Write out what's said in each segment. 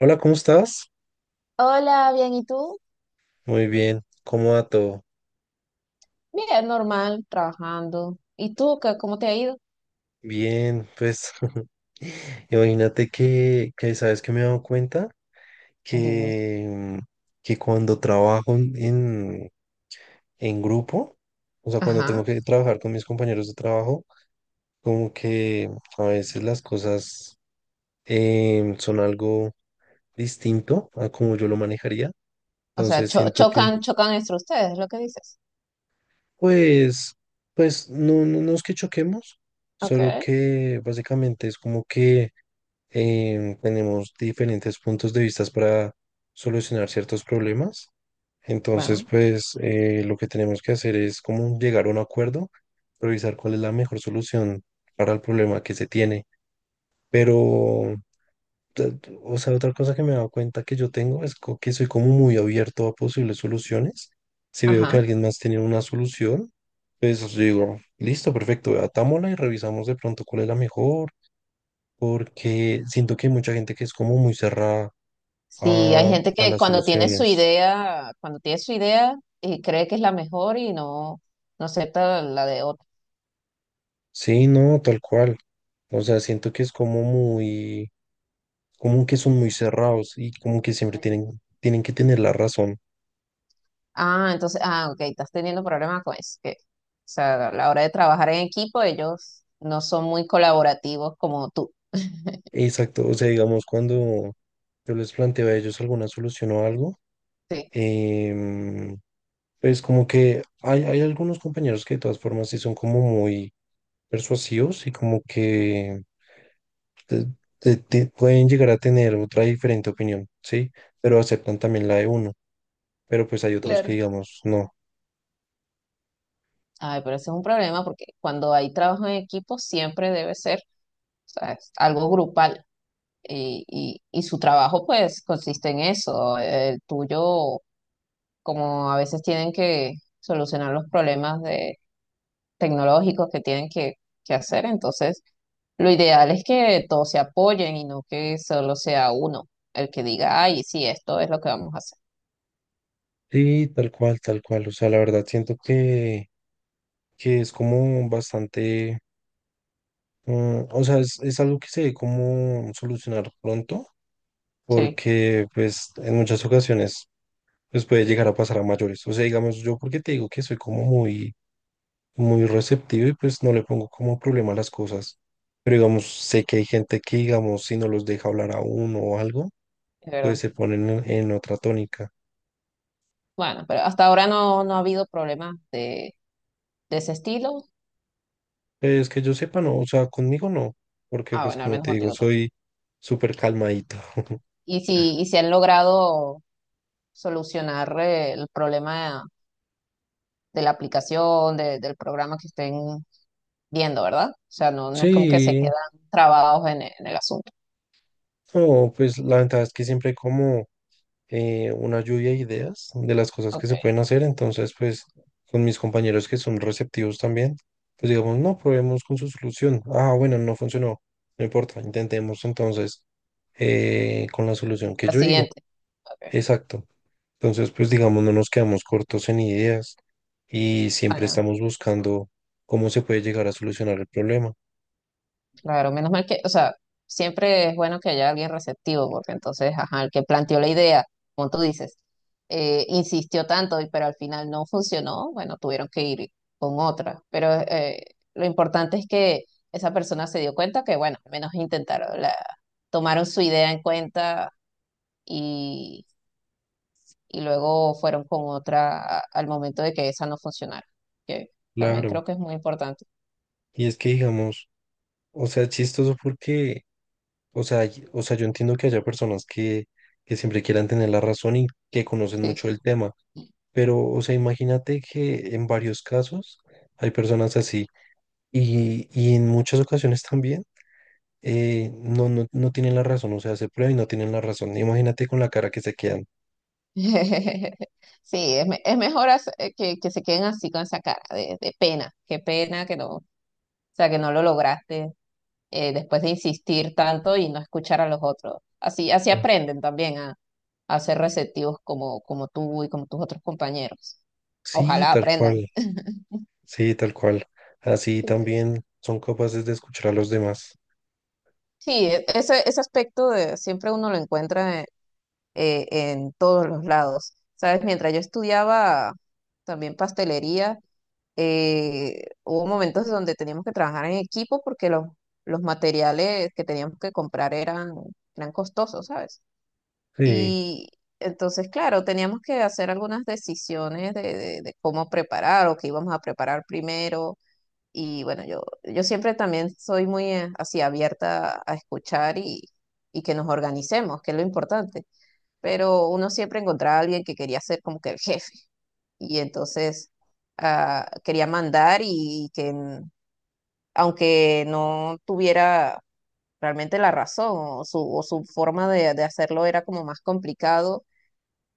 Hola, ¿cómo estás? Hola, bien, ¿y tú? Muy bien, ¿cómo va todo? Bien, normal, trabajando. ¿Y tú, qué, cómo te ha ido? Bien, pues imagínate que sabes que me he dado cuenta Dime. que, mm, que cuando trabajo en en grupo, o sea, cuando tengo Ajá. que trabajar con mis compañeros de trabajo, como que a veces las cosas son algo distinto a como yo lo manejaría. O sea, Entonces cho- siento que, chocan, chocan entre ustedes, es lo que dices. pues, pues no, no es que choquemos, Ok, solo que básicamente es como que tenemos diferentes puntos de vista para solucionar ciertos problemas. Entonces, bueno, pues, lo que tenemos que hacer es como llegar a un acuerdo, revisar cuál es la mejor solución para el problema que se tiene. Pero, o sea, otra cosa que me he dado cuenta que yo tengo es que soy como muy abierto a posibles soluciones. Si veo que ajá. alguien más tiene una solución, pues yo digo, listo, perfecto, atámosla y revisamos de pronto cuál es la mejor porque siento que hay mucha gente que es como muy cerrada Sí, hay gente a que las cuando tiene su soluciones. idea, cuando tiene su idea y cree que es la mejor y no, no acepta la de otro. Sí, no, tal cual. O sea, siento que es como muy, como que son muy cerrados y como que siempre tienen que tener la razón. Ah, entonces, ah, ok, estás teniendo problemas con eso. O sea, a la hora de trabajar en equipo, ellos no son muy colaborativos como tú. Exacto, o sea, digamos, cuando yo les planteo a ellos alguna solución o algo, Sí, em, pues como que hay algunos compañeros que de todas formas sí son como muy persuasivos y como que te- pueden llegar a tener otra diferente opinión, ¿sí? Pero aceptan también la de uno, pero pues hay otros que claro. digamos, no. Ay, pero ese es un problema porque cuando hay trabajo en equipo siempre debe ser, o sea, es algo grupal y su trabajo pues consiste en eso. El tuyo, como a veces tienen que solucionar los problemas de, tecnológicos que tienen que hacer, entonces lo ideal es que todos se apoyen y no que solo sea uno el que diga, ay, sí, esto es lo que vamos a hacer. Sí, tal cual, tal cual. O sea, la verdad siento que es como bastante, o sea, es algo que se debe como solucionar pronto, Sí, porque pues en muchas ocasiones pues puede llegar a pasar a mayores. O sea, digamos, yo porque te digo que soy como muy muy receptivo y pues no le pongo como problema a las cosas. Pero digamos, sé que hay gente que, digamos, si no los deja hablar a uno o algo, es pues verdad. se ponen en otra tónica. Bueno, pero hasta ahora no, no ha habido problemas de ese estilo. Pues que yo sepa, no, o sea, conmigo no, porque Ah, pues bueno, al como menos te digo, contigo. No. soy súper calmadito. Y si, y si han logrado solucionar el problema de la aplicación, del programa que estén viendo, ¿verdad? O sea, no, no es como que se Sí, quedan trabados en, en el asunto. no, pues la ventaja es que siempre hay como una lluvia de ideas de las cosas que Ok, se pueden hacer. Entonces, pues con mis compañeros que son receptivos también, pues digamos, no, probemos con su solución. Ah, bueno, no funcionó. No importa, intentemos entonces con la solución que la yo digo. siguiente. Ok, Exacto. Entonces, pues digamos, no nos quedamos cortos en ideas y siempre bueno. estamos buscando cómo se puede llegar a solucionar el problema. Claro, menos mal que, o sea, siempre es bueno que haya alguien receptivo, porque entonces, ajá, el que planteó la idea, como tú dices, insistió tanto, pero al final no funcionó, bueno, tuvieron que ir con otra. Pero lo importante es que esa persona se dio cuenta que, bueno, al menos intentaron, la, tomaron su idea en cuenta y, y luego fueron con otra al momento de que esa no funcionara, que también Claro. creo que es muy importante. Y es que digamos, o sea, es chistoso porque, o sea, o sea, yo entiendo que haya personas que siempre quieran tener la razón y que conocen Sí. mucho el tema, pero, o sea, imagínate que en varios casos hay personas así y en muchas ocasiones también no tienen la razón, o sea, se prueba y no tienen la razón. Imagínate con la cara que se quedan. Sí, es, es mejor que se queden así con esa cara de pena, qué pena que no, o sea, que no lo lograste después de insistir tanto y no escuchar a los otros. Así, así Ah. aprenden también a ser receptivos como, como tú y como tus otros compañeros. Sí, Ojalá tal aprendan. cual, sí, tal cual. Así Eh, también son capaces de escuchar a los demás. Sí, ese, ese aspecto de, siempre uno lo encuentra eh, en todos los lados. ¿Sabes? Mientras yo estudiaba también pastelería, hubo momentos donde teníamos que trabajar en equipo porque los materiales que teníamos que comprar eran, eran costosos, ¿sabes? Sí, Y entonces, claro, teníamos que hacer algunas decisiones de, de cómo preparar o qué íbamos a preparar primero. Y bueno, yo siempre también soy muy así abierta a escuchar y que nos organicemos, que es lo importante. Pero uno siempre encontraba a alguien que quería ser como que el jefe. Y entonces ah, quería mandar y aunque no tuviera realmente la razón o su forma de hacerlo era como más complicado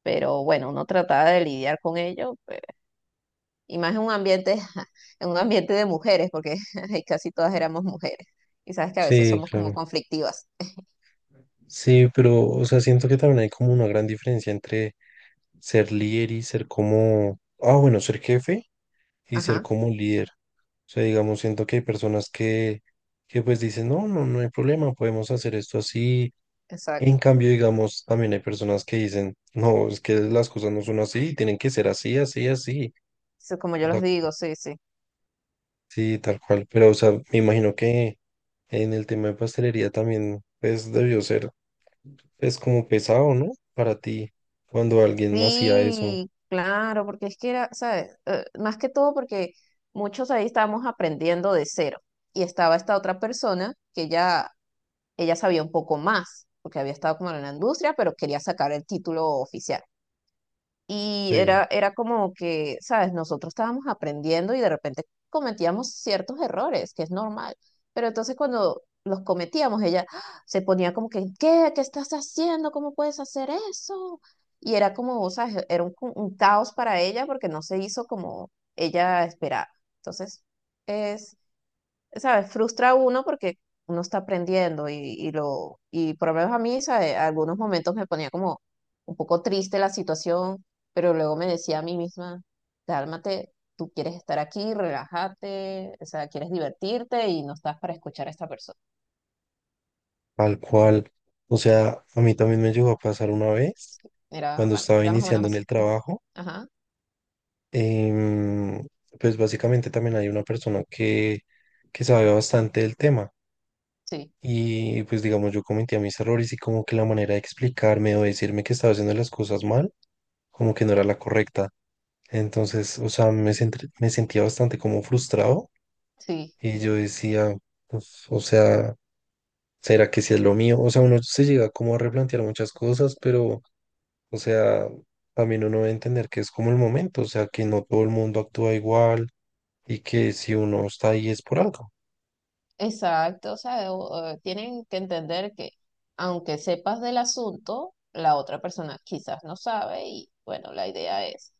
pero bueno, uno trataba de lidiar con ello, y más en un ambiente, en un ambiente de mujeres, porque ahí casi todas éramos mujeres, y sabes que a veces sí, somos como claro. conflictivas. Sí, pero, o sea, siento que también hay como una gran diferencia entre ser líder y ser como, ah, bueno, ser jefe y ser Ajá, como líder. O sea, digamos, siento que hay personas que pues dicen, no, no, no hay problema, podemos hacer esto así. En exacto. cambio, digamos, también hay personas que dicen, no, es que las cosas no son así, tienen que ser así, así, así. Sí, como yo O los sea, digo, sí, sí. sí, tal cual. Pero, o sea, me imagino que en el tema de pastelería también, pues, debió ser. Es como pesado, ¿no? Para ti, cuando alguien hacía eso, Sí, claro, porque es que era, ¿sabes? Más que todo porque muchos ahí estábamos aprendiendo de cero, y estaba esta otra persona que ya, ella sabía un poco más, porque había estado como en la industria, pero quería sacar el título oficial. Y eh, era, era como que, ¿sabes? Nosotros estábamos aprendiendo y de repente cometíamos ciertos errores, que es normal. Pero entonces cuando los cometíamos, ella ¡ah! Se ponía como que, ¿qué? ¿Qué estás haciendo? ¿Cómo puedes hacer eso? Y era como, ¿sabes? Era un caos para ella porque no se hizo como ella esperaba. Entonces, ¿sabes? Frustra a uno porque uno está aprendiendo y lo, y por lo menos a mí, ¿sabes? Algunos momentos me ponía como un poco triste la situación, pero luego me decía a mí misma, cálmate, tú quieres estar aquí, relájate, o sea, quieres divertirte y no estás para escuchar a esta persona. tal cual. O sea, a mí también me llegó a pasar una vez, Era, cuando bueno, estaba era más o menos iniciando en así. el trabajo. Ajá, em, pues básicamente también hay una persona que sabe bastante del tema. sí, Y pues digamos, yo cometía mis errores y como que la manera de explicarme o decirme que estaba haciendo las cosas mal, como que no era la correcta. Entonces, o sea, me, me sentía bastante como frustrado sí. y yo decía, pues, o sea... ¿Será que si es lo mío? O sea, uno se llega como a replantear muchas cosas, pero, o sea, también uno debe entender que es como el momento, o sea, que no todo el mundo actúa igual y que si uno está ahí es por algo. Exacto, o sea, o tienen que entender que aunque sepas del asunto, la otra persona quizás no sabe y bueno, la idea es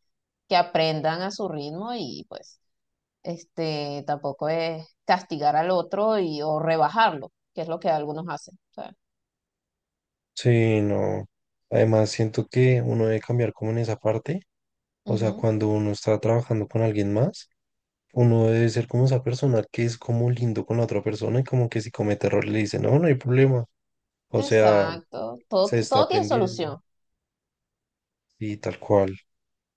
que aprendan a su ritmo y pues este tampoco es castigar al otro y o rebajarlo, que es lo que algunos hacen. O sea, Sí, no. Además, siento que uno debe cambiar como en esa parte, o sea, ujú, cuando uno está trabajando con alguien más, uno debe ser como esa persona que es como lindo con la otra persona y como que si comete error le dice, no, no hay problema, o sea, exacto, todo, se está todo tiene aprendiendo solución. y tal cual. O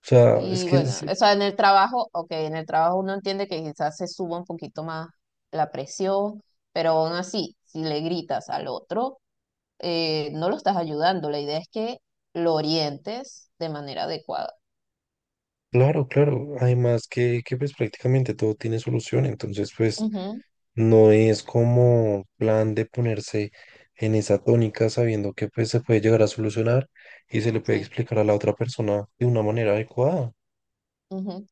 sea, es Y que es... bueno, o sea, en el trabajo, ok, en el trabajo uno entiende que quizás se suba un poquito más la presión, pero aún así, si le gritas al otro, no lo estás ayudando. La idea es que lo orientes de manera adecuada. Claro, claro. Además que pues prácticamente todo tiene solución, entonces pues Ujú, no es como plan de ponerse en esa tónica sabiendo que pues se puede llegar a solucionar y se le puede sí. explicar a la otra persona de una manera adecuada. Ujú.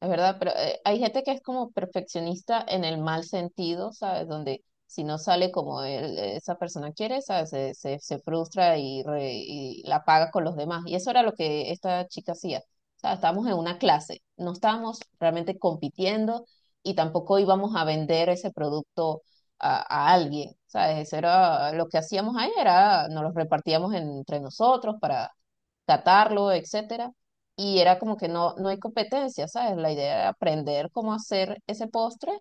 Es verdad, pero hay gente que es como perfeccionista en el mal sentido, ¿sabes? Donde si no sale como él, esa persona quiere, ¿sabes? Se frustra y y la paga con los demás. Y eso era lo que esta chica hacía. O sea, estábamos en una clase, no estábamos realmente compitiendo y tampoco íbamos a vender ese producto a, a alguien, ¿sabes? Eso era lo que hacíamos ahí, era nos los repartíamos entre nosotros para catarlo, etcétera. Y era como que no, no hay competencia, ¿sabes? La idea era aprender cómo hacer ese postre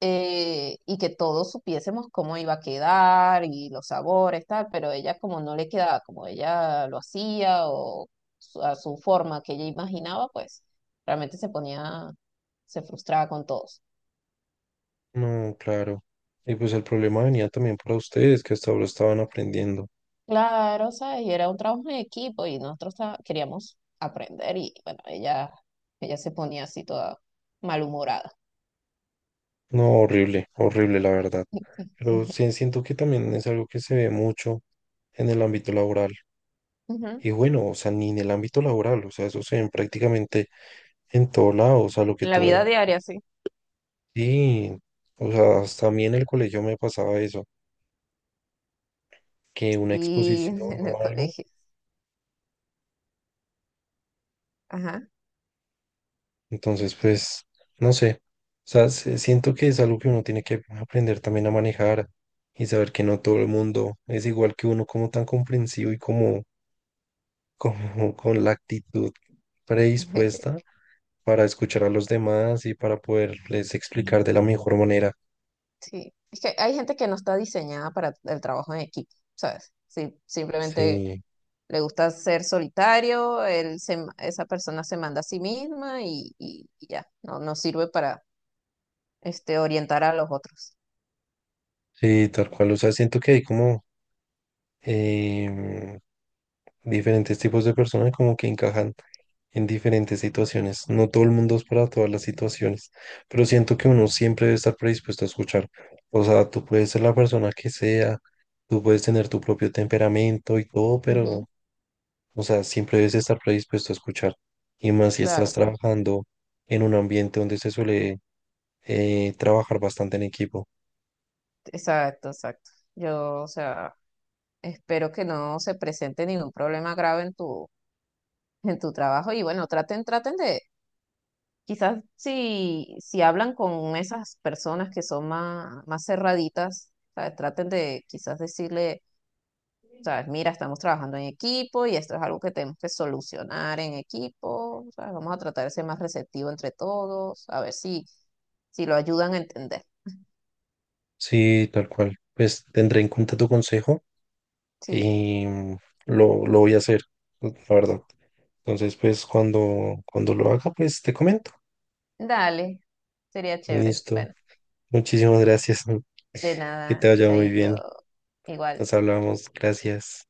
y que todos supiésemos cómo iba a quedar y los sabores, tal, pero ella como no le quedaba como ella lo hacía o a su forma que ella imaginaba, pues realmente se ponía, se frustraba con todos. No, claro. Y pues el problema venía también para ustedes que hasta ahora estaban aprendiendo. Claro, ¿sabes? Y era un trabajo en equipo y nosotros queríamos aprender y bueno, ella se ponía así toda malhumorada. No, horrible, horrible la verdad. Pero Sí. sí siento que también es algo que se ve mucho en el ámbito laboral. Ujú. Y bueno, o sea, ni en el ámbito laboral, o sea, eso se ve prácticamente en todo lado, o sea, lo que En la tú... vida diaria, sí. Sí, o sea, hasta a mí en el colegio me pasaba eso, que una Y exposición en el o algo, colegio. Ajá. entonces, pues, no sé, o sea, siento que es algo que uno tiene que aprender también a manejar y saber que no todo el mundo es igual que uno, como tan comprensivo y como, como con la actitud predispuesta para escuchar a los demás y para poderles explicar de la mejor manera. Sí. Es que hay gente que no está diseñada para el trabajo en equipo, ¿sabes? Sí, simplemente Sí. le gusta ser solitario, él esa persona se manda a sí misma y, y ya, no, no sirve para este, orientar a los otros. Sí, tal cual. O sea, siento que hay como em, diferentes tipos de personas como que encajan en diferentes situaciones. No todo el mundo es para todas las situaciones, pero siento que uno siempre debe estar predispuesto a escuchar. O sea, tú puedes ser la persona que sea, tú puedes tener tu propio temperamento y todo, Ujú, pero, o sea, siempre debes estar predispuesto a escuchar. Y más si estás claro, trabajando en un ambiente donde se suele trabajar bastante en equipo. exacto, exacto. Yo, o sea, espero que no se presente ningún problema grave en tu trabajo. Y bueno, traten, traten de, quizás si, si hablan con esas personas que son más, más cerraditas, ¿sabes? Traten de quizás decirle, sabes, mira, estamos trabajando en equipo y esto es algo que tenemos que solucionar en equipo, ¿sabes? Vamos a tratar de ser más receptivo entre todos, a ver si, si lo ayudan a entender. Sí, tal cual. Pues tendré en cuenta tu consejo. Sí, Y lo voy a hacer, la verdad. Entonces, pues cuando lo haga, pues te comento. dale, sería chévere. Listo. Bueno, Muchísimas gracias. de Que te nada, vaya muy chaito, bien. igual. Nos hablamos. Gracias.